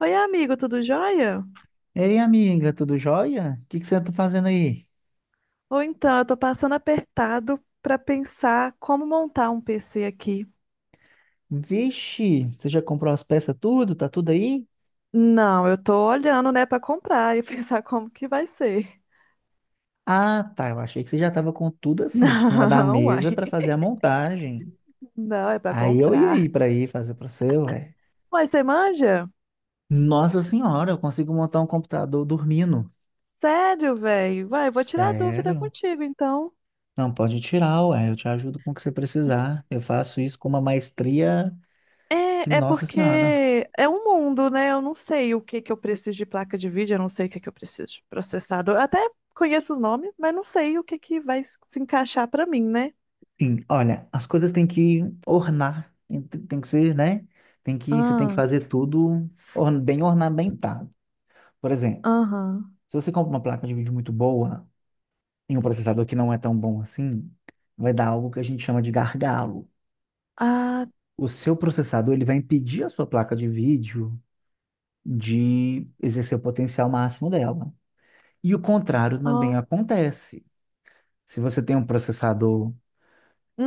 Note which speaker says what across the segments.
Speaker 1: Oi, amigo, tudo jóia?
Speaker 2: Ei, amiga, tudo jóia? O que que você tá fazendo aí?
Speaker 1: Eu tô passando apertado pra pensar como montar um PC aqui.
Speaker 2: Vixe, você já comprou as peças tudo? Tá tudo aí?
Speaker 1: Não, eu tô olhando, né, pra comprar e pensar como que vai ser.
Speaker 2: Ah, tá, eu achei que você já tava com tudo assim, em cima da
Speaker 1: Não,
Speaker 2: mesa pra
Speaker 1: uai.
Speaker 2: fazer a montagem.
Speaker 1: Não, é pra
Speaker 2: Aí eu ia
Speaker 1: comprar.
Speaker 2: ir pra ir fazer pra você, ué.
Speaker 1: Uai, você manja?
Speaker 2: Nossa senhora, eu consigo montar um computador dormindo.
Speaker 1: Sério, velho? Vai, vou tirar a dúvida
Speaker 2: Sério?
Speaker 1: contigo, então.
Speaker 2: Não, pode tirar, ué, eu te ajudo com o que você precisar. Eu faço isso com uma maestria que,
Speaker 1: É
Speaker 2: nossa
Speaker 1: porque
Speaker 2: senhora.
Speaker 1: é um mundo, né? Eu não sei o que que eu preciso de placa de vídeo, eu não sei o que que eu preciso de processador. Eu até conheço os nomes, mas não sei o que que vai se encaixar pra mim, né?
Speaker 2: Sim, olha, as coisas têm que ornar, tem que ser, né? Você tem que
Speaker 1: Ah,
Speaker 2: fazer tudo bem ornamentado. Por exemplo,
Speaker 1: aham.
Speaker 2: se você compra uma placa de vídeo muito boa e um processador que não é tão bom assim, vai dar algo que a gente chama de gargalo.
Speaker 1: Ah,
Speaker 2: O seu processador, ele vai impedir a sua placa de vídeo de exercer o potencial máximo dela. E o contrário também
Speaker 1: ó.
Speaker 2: acontece. Se você tem um processador,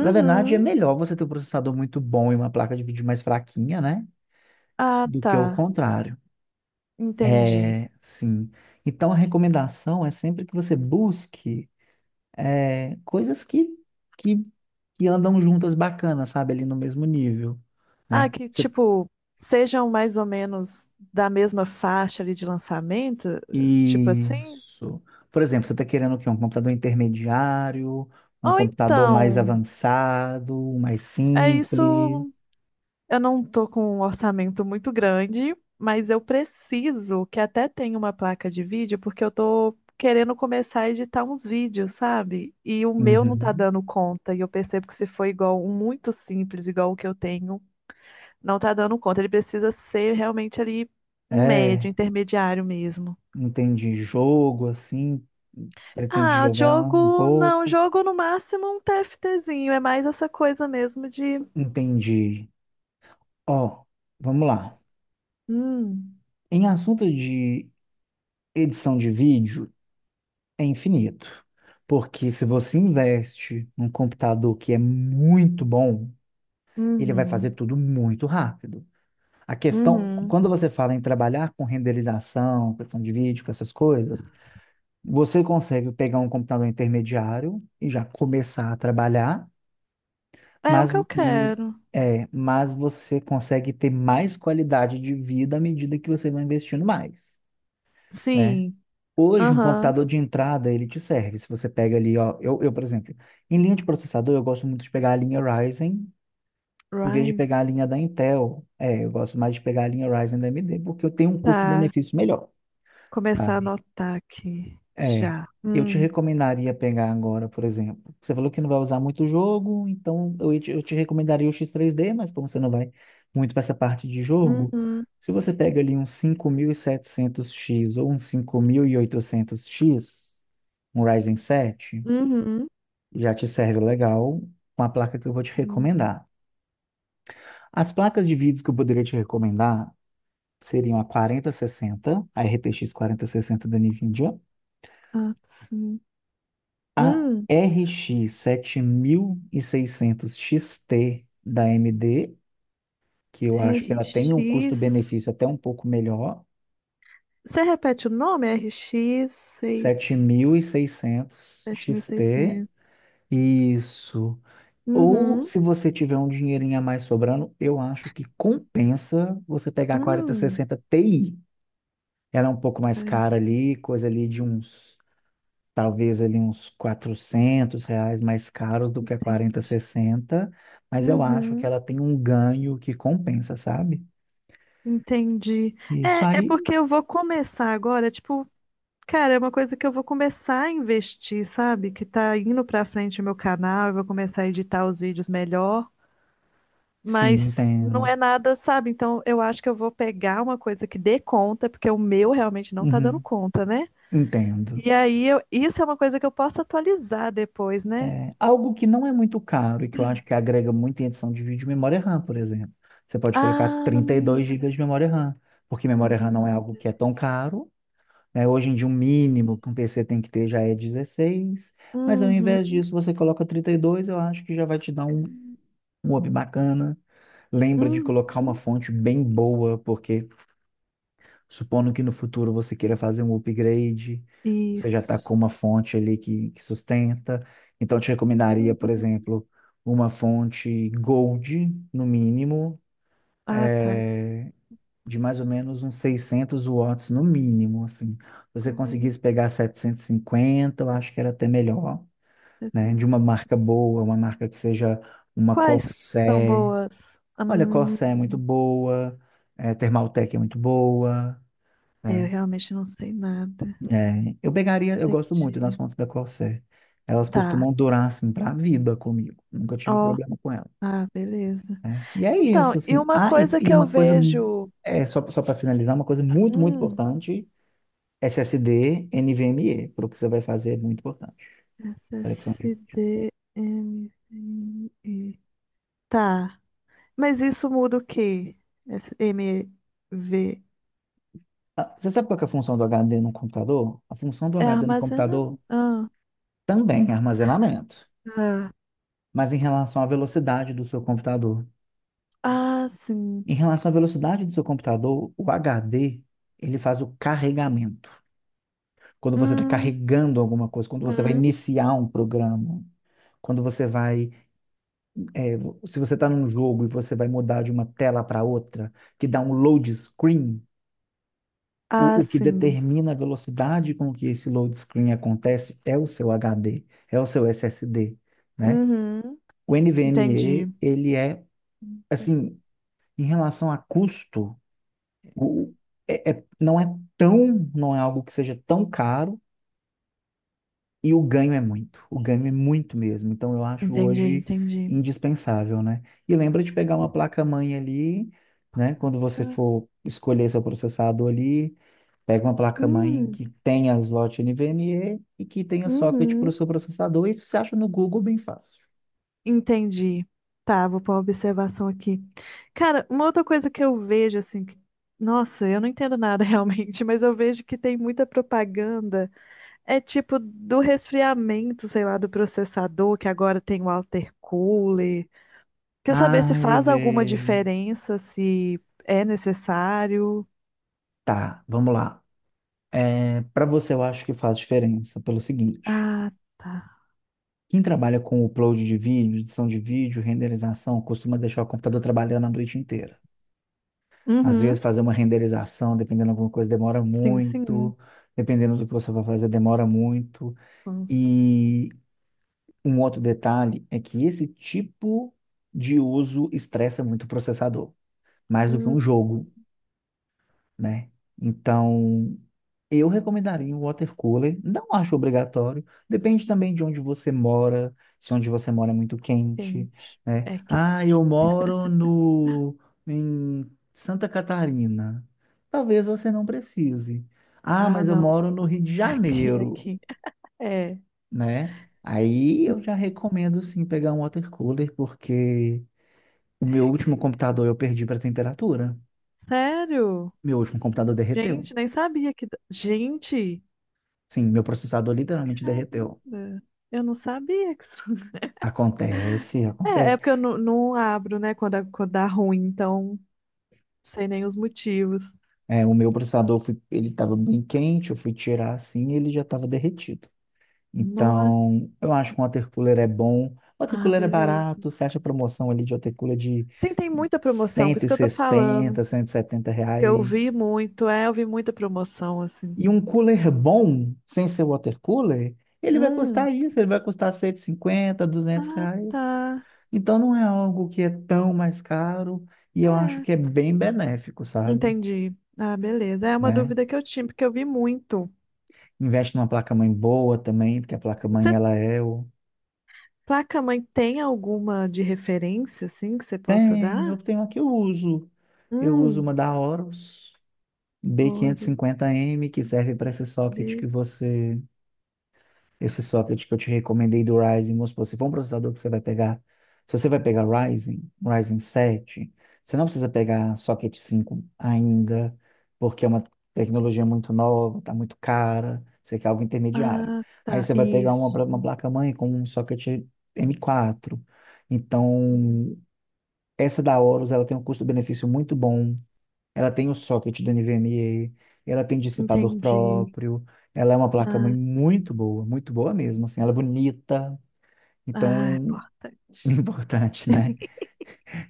Speaker 2: na verdade, é melhor você ter um processador muito bom e uma placa de vídeo mais fraquinha, né?
Speaker 1: Ah,
Speaker 2: Do que ao
Speaker 1: tá.
Speaker 2: contrário.
Speaker 1: Entendi.
Speaker 2: É, sim. Então, a recomendação é sempre que você busque coisas que, que andam juntas bacanas, sabe? Ali no mesmo nível,
Speaker 1: Ah,
Speaker 2: né?
Speaker 1: que
Speaker 2: Você-
Speaker 1: tipo, sejam mais ou menos da mesma faixa ali de lançamento, tipo assim?
Speaker 2: isso. Por exemplo, você está querendo o quê? Um computador intermediário, um
Speaker 1: Ou
Speaker 2: computador mais
Speaker 1: então,
Speaker 2: avançado, um mais
Speaker 1: é
Speaker 2: simples.
Speaker 1: isso, eu não tô com um orçamento muito grande, mas eu preciso que até tenha uma placa de vídeo, porque eu tô querendo começar a editar uns vídeos, sabe? E o meu não tá
Speaker 2: Uhum.
Speaker 1: dando conta, e eu percebo que se for igual um muito simples, igual o que eu tenho. Não tá dando conta. Ele precisa ser realmente ali um médio,
Speaker 2: É,
Speaker 1: intermediário mesmo.
Speaker 2: entendi. Jogo, assim, pretende
Speaker 1: Ah,
Speaker 2: jogar um
Speaker 1: jogo. Não,
Speaker 2: pouco.
Speaker 1: jogo no máximo um TFTzinho. É mais essa coisa mesmo de.
Speaker 2: Entendi. Ó, vamos lá.
Speaker 1: Hum,
Speaker 2: Em assunto de edição de vídeo, é infinito. Porque se você investe num computador que é muito bom, ele vai fazer
Speaker 1: uhum,
Speaker 2: tudo muito rápido. A questão,
Speaker 1: uhum.
Speaker 2: quando você fala em trabalhar com renderização, questão de vídeo, com essas coisas, você consegue pegar um computador intermediário e já começar a trabalhar,
Speaker 1: É o
Speaker 2: mas,
Speaker 1: que eu
Speaker 2: hum,
Speaker 1: quero.
Speaker 2: mas você consegue ter mais qualidade de vida à medida que você vai investindo mais. Né?
Speaker 1: Sim,
Speaker 2: Hoje, um
Speaker 1: aham.
Speaker 2: computador de entrada, ele te serve. Se você pega ali, ó, eu, por exemplo, em linha de processador, eu gosto muito de pegar a linha Ryzen, em vez de pegar a
Speaker 1: Rise.
Speaker 2: linha da Intel. É, eu gosto mais de pegar a linha Ryzen da AMD, porque eu tenho um
Speaker 1: Tá.
Speaker 2: custo-benefício melhor,
Speaker 1: Começar a
Speaker 2: sabe?
Speaker 1: anotar aqui.
Speaker 2: É,
Speaker 1: Já.
Speaker 2: eu te recomendaria pegar agora, por exemplo. Você falou que não vai usar muito o jogo, então eu te recomendaria o X3D, mas como você não vai muito para essa parte de jogo,
Speaker 1: Uhum,
Speaker 2: se você pega ali um 5700X ou um 5800X um Ryzen 7,
Speaker 1: uhum.
Speaker 2: já te serve legal com a placa que eu vou te
Speaker 1: Uhum.
Speaker 2: recomendar. As placas de vídeos que eu poderia te recomendar seriam a 4060, a RTX sessenta da NVIDIA,
Speaker 1: Ah, sim.
Speaker 2: a
Speaker 1: Hum,
Speaker 2: RX 7600 XT da AMD, que eu acho que ela tem um
Speaker 1: RX.
Speaker 2: custo-benefício até um pouco melhor.
Speaker 1: Você repete o nome? RX 6,
Speaker 2: 7600 XT,
Speaker 1: 7600.
Speaker 2: isso. Ou
Speaker 1: Uhum.
Speaker 2: se você tiver um dinheirinho a mais sobrando, eu acho que compensa você pegar a quarenta
Speaker 1: Hum,
Speaker 2: sessenta Ti. Ela é um pouco mais cara ali,
Speaker 1: 4066.
Speaker 2: coisa ali de uns talvez ali uns R$ 400 mais caros do que a
Speaker 1: Entendi.
Speaker 2: 4060, mas eu acho que
Speaker 1: Uhum.
Speaker 2: ela tem um ganho que compensa, sabe?
Speaker 1: Entendi.
Speaker 2: Isso
Speaker 1: É
Speaker 2: aí,
Speaker 1: porque eu vou começar agora, tipo, cara, é uma coisa que eu vou começar a investir, sabe? Que tá indo pra frente o meu canal, eu vou começar a editar os vídeos melhor,
Speaker 2: sim,
Speaker 1: mas não
Speaker 2: entendo.
Speaker 1: é nada, sabe? Então eu acho que eu vou pegar uma coisa que dê conta, porque o meu realmente não tá dando
Speaker 2: Uhum,
Speaker 1: conta, né?
Speaker 2: entendo.
Speaker 1: E aí, isso é uma coisa que eu posso atualizar depois, né?
Speaker 2: É, algo que não é muito caro e que eu acho que agrega muito em edição de vídeo, memória RAM, por exemplo. Você pode colocar
Speaker 1: Ah,
Speaker 2: trinta e
Speaker 1: não é
Speaker 2: dois
Speaker 1: mais
Speaker 2: gigas de memória RAM, porque memória RAM não é
Speaker 1: 39.
Speaker 2: algo que é tão caro. Né? Hoje em dia, o mínimo que um PC tem que ter já é 16, mas ao invés
Speaker 1: Uhum,
Speaker 2: disso, você coloca 32, eu acho que já vai te dar um hobby bacana. Lembra de
Speaker 1: uhum,
Speaker 2: colocar uma fonte bem boa, porque supondo que no futuro você queira fazer um upgrade, você já está
Speaker 1: isso.
Speaker 2: com uma fonte ali que sustenta. Então, eu te recomendaria, por
Speaker 1: Uhum.
Speaker 2: exemplo, uma fonte Gold, no mínimo,
Speaker 1: Ah, tá.
Speaker 2: é, de mais ou menos uns 600 watts, no mínimo, assim. Se você
Speaker 1: Cu-
Speaker 2: conseguisse pegar 750, eu acho que era até melhor, né? De uma marca boa, uma marca que seja uma
Speaker 1: Quais que são
Speaker 2: Corsair.
Speaker 1: boas?
Speaker 2: Olha, Corsé é muito boa, Thermaltec é muito boa,
Speaker 1: É, eu
Speaker 2: né?
Speaker 1: realmente não sei nada.
Speaker 2: É, eu pegaria, eu gosto muito das
Speaker 1: Entendi.
Speaker 2: fontes da Corsé. Elas
Speaker 1: Tá.
Speaker 2: costumam durar, assim, pra vida comigo. Nunca tive
Speaker 1: Ó,
Speaker 2: problema com elas.
Speaker 1: ah, beleza.
Speaker 2: E é isso,
Speaker 1: Então, e
Speaker 2: assim.
Speaker 1: uma
Speaker 2: Ah, e,
Speaker 1: coisa
Speaker 2: e
Speaker 1: que eu
Speaker 2: uma coisa,
Speaker 1: vejo.
Speaker 2: só para finalizar, uma coisa muito, muito
Speaker 1: Hum,
Speaker 2: importante, SSD, NVMe, para o que você vai fazer é muito importante. Conexão de-
Speaker 1: SSDMVI. Tá. Mas isso muda o quê? Esse M V
Speaker 2: Ah, você sabe qual que é a função do HD no computador? A função do
Speaker 1: É
Speaker 2: HD no computador
Speaker 1: armazenamento. Ah,
Speaker 2: também é armazenamento,
Speaker 1: tá.
Speaker 2: mas em relação à velocidade do seu computador.
Speaker 1: Ah,
Speaker 2: Em
Speaker 1: sim.
Speaker 2: relação à velocidade do seu computador, o HD, ele faz o carregamento. Quando você está
Speaker 1: Hum,
Speaker 2: carregando alguma coisa, quando você vai
Speaker 1: uhum.
Speaker 2: iniciar um programa, quando você vai, é, se você está num jogo e você vai mudar de uma tela para outra, que dá um load screen,
Speaker 1: Ah,
Speaker 2: o que
Speaker 1: sim.
Speaker 2: determina a velocidade com que esse load screen acontece é o seu HD, é o seu SSD, né?
Speaker 1: Uhum.
Speaker 2: O NVMe,
Speaker 1: Entendi.
Speaker 2: ele é, assim, em relação a custo, O, o- é, é- não é não é algo que seja tão caro e o ganho é muito. O ganho é muito mesmo. Então eu acho
Speaker 1: Entendi,
Speaker 2: hoje
Speaker 1: entendi.
Speaker 2: indispensável, né? E lembra de pegar uma placa-mãe ali, né? Quando você
Speaker 1: Ah,
Speaker 2: for escolher seu processador ali, pega uma placa-mãe
Speaker 1: hum,
Speaker 2: que tenha slot NVMe e que tenha socket para o
Speaker 1: uhum.
Speaker 2: seu processador. Isso você acha no Google bem fácil.
Speaker 1: Entendi. Tá, vou pôr uma observação aqui. Cara, uma outra coisa que eu vejo, assim, que- nossa, eu não entendo nada realmente, mas eu vejo que tem muita propaganda. É tipo do resfriamento, sei lá, do processador, que agora tem o water cooler. Quer saber se
Speaker 2: Ah, eu
Speaker 1: faz alguma
Speaker 2: vejo.
Speaker 1: diferença, se é necessário?
Speaker 2: Tá, vamos lá. É, para você eu acho que faz diferença pelo seguinte.
Speaker 1: Ah, tá.
Speaker 2: Quem trabalha com upload de vídeo, edição de vídeo, renderização, costuma deixar o computador trabalhando a noite inteira. Às vezes,
Speaker 1: Uhum.
Speaker 2: fazer uma renderização, dependendo de alguma coisa, demora
Speaker 1: Sim, sim.
Speaker 2: muito. Dependendo do que você vai fazer, demora muito.
Speaker 1: Vamos,
Speaker 2: E um outro detalhe é que esse tipo de uso estressa muito o processador, mais do que
Speaker 1: hum,
Speaker 2: um jogo. Né? Então, eu recomendaria o water cooler. Não acho obrigatório. Depende também de onde você mora, se onde você mora é muito quente,
Speaker 1: quente.
Speaker 2: né?
Speaker 1: É que.
Speaker 2: Ah, eu moro no em Santa Catarina. Talvez você não precise. Ah,
Speaker 1: Ah,
Speaker 2: mas eu
Speaker 1: não.
Speaker 2: moro no Rio de
Speaker 1: Aqui,
Speaker 2: Janeiro,
Speaker 1: aqui. É.
Speaker 2: né? Aí eu já recomendo sim pegar um water cooler porque o meu
Speaker 1: Aqui.
Speaker 2: último computador eu perdi para temperatura.
Speaker 1: Sério?
Speaker 2: Meu último computador derreteu.
Speaker 1: Gente, nem sabia que. Da- Gente!
Speaker 2: Sim, meu processador literalmente derreteu.
Speaker 1: Caramba! Eu não sabia que isso.
Speaker 2: Acontece,
Speaker 1: É, é
Speaker 2: acontece.
Speaker 1: porque eu não abro, né, quando, quando dá ruim, então. Sei nem os motivos.
Speaker 2: É, o meu processador, ele estava bem quente, eu fui tirar assim e ele já estava derretido.
Speaker 1: Nossa,
Speaker 2: Então, eu acho que um watercooler é bom.
Speaker 1: ah,
Speaker 2: Watercooler é
Speaker 1: beleza.
Speaker 2: barato, você acha promoção ali de watercooler de
Speaker 1: Sim, tem muita promoção, por
Speaker 2: cento
Speaker 1: isso
Speaker 2: e
Speaker 1: que eu tô falando.
Speaker 2: sessenta cento e setenta
Speaker 1: Que eu vi
Speaker 2: reais.
Speaker 1: muito, é, eu vi muita promoção, assim.
Speaker 2: E um cooler bom, sem ser watercooler, ele vai
Speaker 1: Hum,
Speaker 2: custar isso, ele vai custar 150 duzentos
Speaker 1: ah, tá.
Speaker 2: reais. Então não é algo que é tão mais caro e eu acho
Speaker 1: É,
Speaker 2: que é bem benéfico, sabe?
Speaker 1: entendi. Ah, beleza. É uma
Speaker 2: Né?
Speaker 1: dúvida que eu tinha, porque eu vi muito.
Speaker 2: Investe numa placa-mãe boa também, porque a placa-mãe
Speaker 1: Você,
Speaker 2: ela é o...
Speaker 1: placa-mãe, tem alguma de referência, assim, que você possa
Speaker 2: Tem, eu
Speaker 1: dar?
Speaker 2: tenho aqui, eu uso. Eu uso uma
Speaker 1: Hum,
Speaker 2: da Horus
Speaker 1: ouro
Speaker 2: B550M, que serve para esse socket que
Speaker 1: B.
Speaker 2: você. Esse socket que eu te recomendei do Ryzen, vamos supor, se for um processador que você vai pegar, se você vai pegar Ryzen, Ryzen 7, você não precisa pegar socket 5 ainda, porque é uma tecnologia muito nova, tá muito cara, você quer algo intermediário.
Speaker 1: Ah,
Speaker 2: Aí
Speaker 1: tá.
Speaker 2: você vai pegar uma,
Speaker 1: Isso.
Speaker 2: uma placa-mãe com um socket M4.
Speaker 1: Hum.
Speaker 2: Então, essa da Aorus, ela tem um custo-benefício muito bom, ela tem o socket do NVMe, ela tem dissipador
Speaker 1: Entendi.
Speaker 2: próprio, ela é uma placa-mãe
Speaker 1: Ah, sim.
Speaker 2: muito boa mesmo, assim, ela é bonita,
Speaker 1: Ah, é
Speaker 2: então,
Speaker 1: importante.
Speaker 2: importante, né?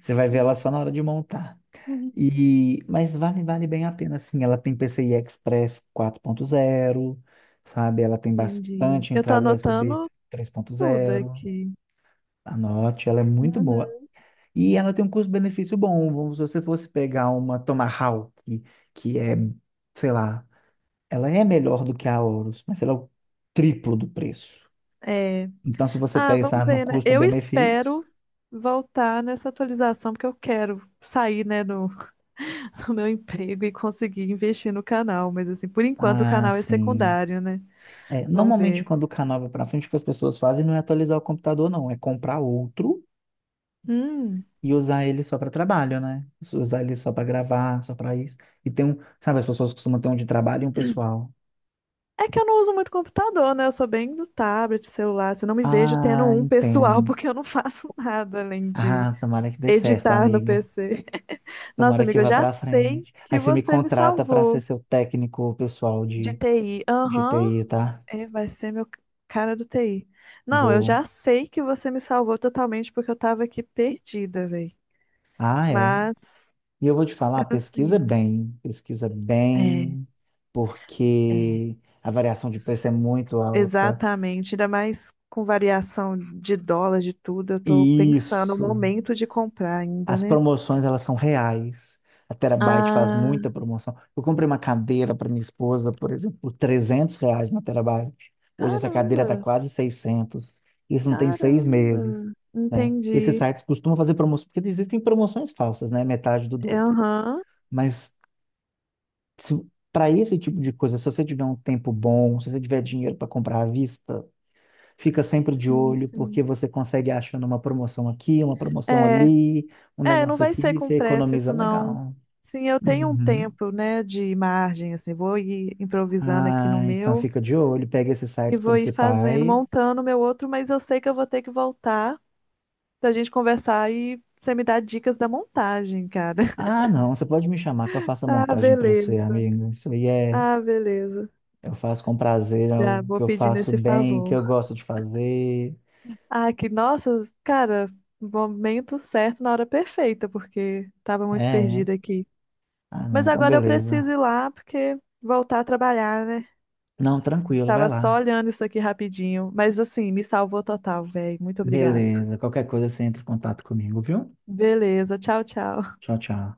Speaker 2: Você vai ver ela só na hora de montar.
Speaker 1: Uhum.
Speaker 2: E, mas vale, bem a pena, assim, ela tem PCI Express 4.0, sabe? Ela tem
Speaker 1: Entendi.
Speaker 2: bastante
Speaker 1: Eu tô
Speaker 2: entrada USB
Speaker 1: anotando tudo
Speaker 2: zero,
Speaker 1: aqui.
Speaker 2: anote, ela é muito boa.
Speaker 1: Uhum.
Speaker 2: E ela tem um custo-benefício bom, se você fosse pegar uma Tomahawk, que é sei lá, ela é melhor do que a Horus, mas ela é o triplo do preço.
Speaker 1: É.
Speaker 2: Então, se você
Speaker 1: Ah, vamos
Speaker 2: pensar no
Speaker 1: ver, né? Eu
Speaker 2: custo-benefício,
Speaker 1: espero voltar nessa atualização, porque eu quero sair, né, do, do meu emprego e conseguir investir no canal. Mas, assim, por enquanto o
Speaker 2: ah,
Speaker 1: canal é
Speaker 2: sim.
Speaker 1: secundário, né?
Speaker 2: É,
Speaker 1: Vamos
Speaker 2: normalmente,
Speaker 1: ver.
Speaker 2: quando o canal vai para frente, o que as pessoas fazem não é atualizar o computador, não. É comprar outro
Speaker 1: Hum.
Speaker 2: e usar ele só para trabalho, né? Usar ele só para gravar, só para isso. E tem um, sabe, as pessoas costumam ter um de trabalho e um pessoal.
Speaker 1: É que eu não uso muito computador, né? Eu sou bem do tablet, celular. Assim, eu não me vejo tendo
Speaker 2: Ah,
Speaker 1: um pessoal,
Speaker 2: entendo.
Speaker 1: porque eu não faço nada além de
Speaker 2: Ah, tomara que dê certo,
Speaker 1: editar no
Speaker 2: amiga.
Speaker 1: PC. Nossa,
Speaker 2: Tomara que
Speaker 1: amiga, eu
Speaker 2: vá
Speaker 1: já
Speaker 2: para
Speaker 1: sei
Speaker 2: frente. Aí
Speaker 1: que
Speaker 2: você me
Speaker 1: você me
Speaker 2: contrata para ser
Speaker 1: salvou.
Speaker 2: seu técnico pessoal
Speaker 1: De
Speaker 2: de,
Speaker 1: TI.
Speaker 2: de
Speaker 1: Aham.
Speaker 2: TI, tá?
Speaker 1: É, vai ser meu cara do TI. Não, eu
Speaker 2: Vou.
Speaker 1: já sei que você me salvou totalmente porque eu tava aqui perdida, velho.
Speaker 2: Ah, é.
Speaker 1: Mas,
Speaker 2: E eu vou te falar,
Speaker 1: mas assim,
Speaker 2: pesquisa
Speaker 1: é,
Speaker 2: bem,
Speaker 1: é.
Speaker 2: porque a variação de preço
Speaker 1: s-
Speaker 2: é muito alta.
Speaker 1: Exatamente. Ainda mais com variação de dólar, de tudo, eu tô
Speaker 2: E
Speaker 1: pensando o
Speaker 2: isso.
Speaker 1: momento de comprar ainda,
Speaker 2: As
Speaker 1: né?
Speaker 2: promoções, elas são reais. A Terabyte faz
Speaker 1: Ah,
Speaker 2: muita promoção. Eu comprei uma cadeira para minha esposa, por exemplo, por R$ 300 na Terabyte. Hoje essa cadeira está
Speaker 1: caramba,
Speaker 2: quase 600. Isso não tem seis
Speaker 1: caramba.
Speaker 2: meses, né? Esses
Speaker 1: Entendi.
Speaker 2: sites costumam fazer promoções, porque existem promoções falsas, né? Metade do dobro.
Speaker 1: Aham.
Speaker 2: Mas para esse tipo de coisa, se você tiver um tempo bom, se você tiver dinheiro para comprar à vista, fica sempre de
Speaker 1: Sim,
Speaker 2: olho,
Speaker 1: sim.
Speaker 2: porque você consegue achando uma promoção aqui, uma promoção
Speaker 1: É,
Speaker 2: ali, um
Speaker 1: Não
Speaker 2: negócio
Speaker 1: vai ser
Speaker 2: aqui,
Speaker 1: com
Speaker 2: você
Speaker 1: pressa
Speaker 2: economiza
Speaker 1: isso não.
Speaker 2: legal.
Speaker 1: Sim, eu tenho um
Speaker 2: Uhum.
Speaker 1: tempo, né, de margem, assim, vou ir improvisando aqui no
Speaker 2: Ah, então
Speaker 1: meu
Speaker 2: fica de olho, pega esses
Speaker 1: e
Speaker 2: sites
Speaker 1: vou ir fazendo,
Speaker 2: principais.
Speaker 1: montando o meu outro, mas eu sei que eu vou ter que voltar pra gente conversar e você me dar dicas da montagem, cara.
Speaker 2: Ah, não, você pode me chamar que eu faço a
Speaker 1: Ah,
Speaker 2: montagem para você,
Speaker 1: beleza.
Speaker 2: amigo. Isso aí é,
Speaker 1: Ah, beleza.
Speaker 2: eu faço com prazer, é
Speaker 1: Já
Speaker 2: o que
Speaker 1: vou
Speaker 2: eu
Speaker 1: pedindo
Speaker 2: faço
Speaker 1: esse
Speaker 2: bem, que
Speaker 1: favor.
Speaker 2: eu gosto de fazer.
Speaker 1: Ah, que nossa, cara, momento certo na hora perfeita, porque tava muito
Speaker 2: É.
Speaker 1: perdida aqui.
Speaker 2: Ah, não,
Speaker 1: Mas
Speaker 2: então
Speaker 1: agora eu preciso
Speaker 2: beleza.
Speaker 1: ir lá porque voltar a trabalhar, né?
Speaker 2: Não, tranquilo, vai
Speaker 1: Tava só
Speaker 2: lá.
Speaker 1: olhando isso aqui rapidinho, mas assim, me salvou total, velho. Muito obrigado.
Speaker 2: Beleza. Qualquer coisa você entra em contato comigo, viu?
Speaker 1: Beleza, tchau, tchau.
Speaker 2: Tchau, tchau.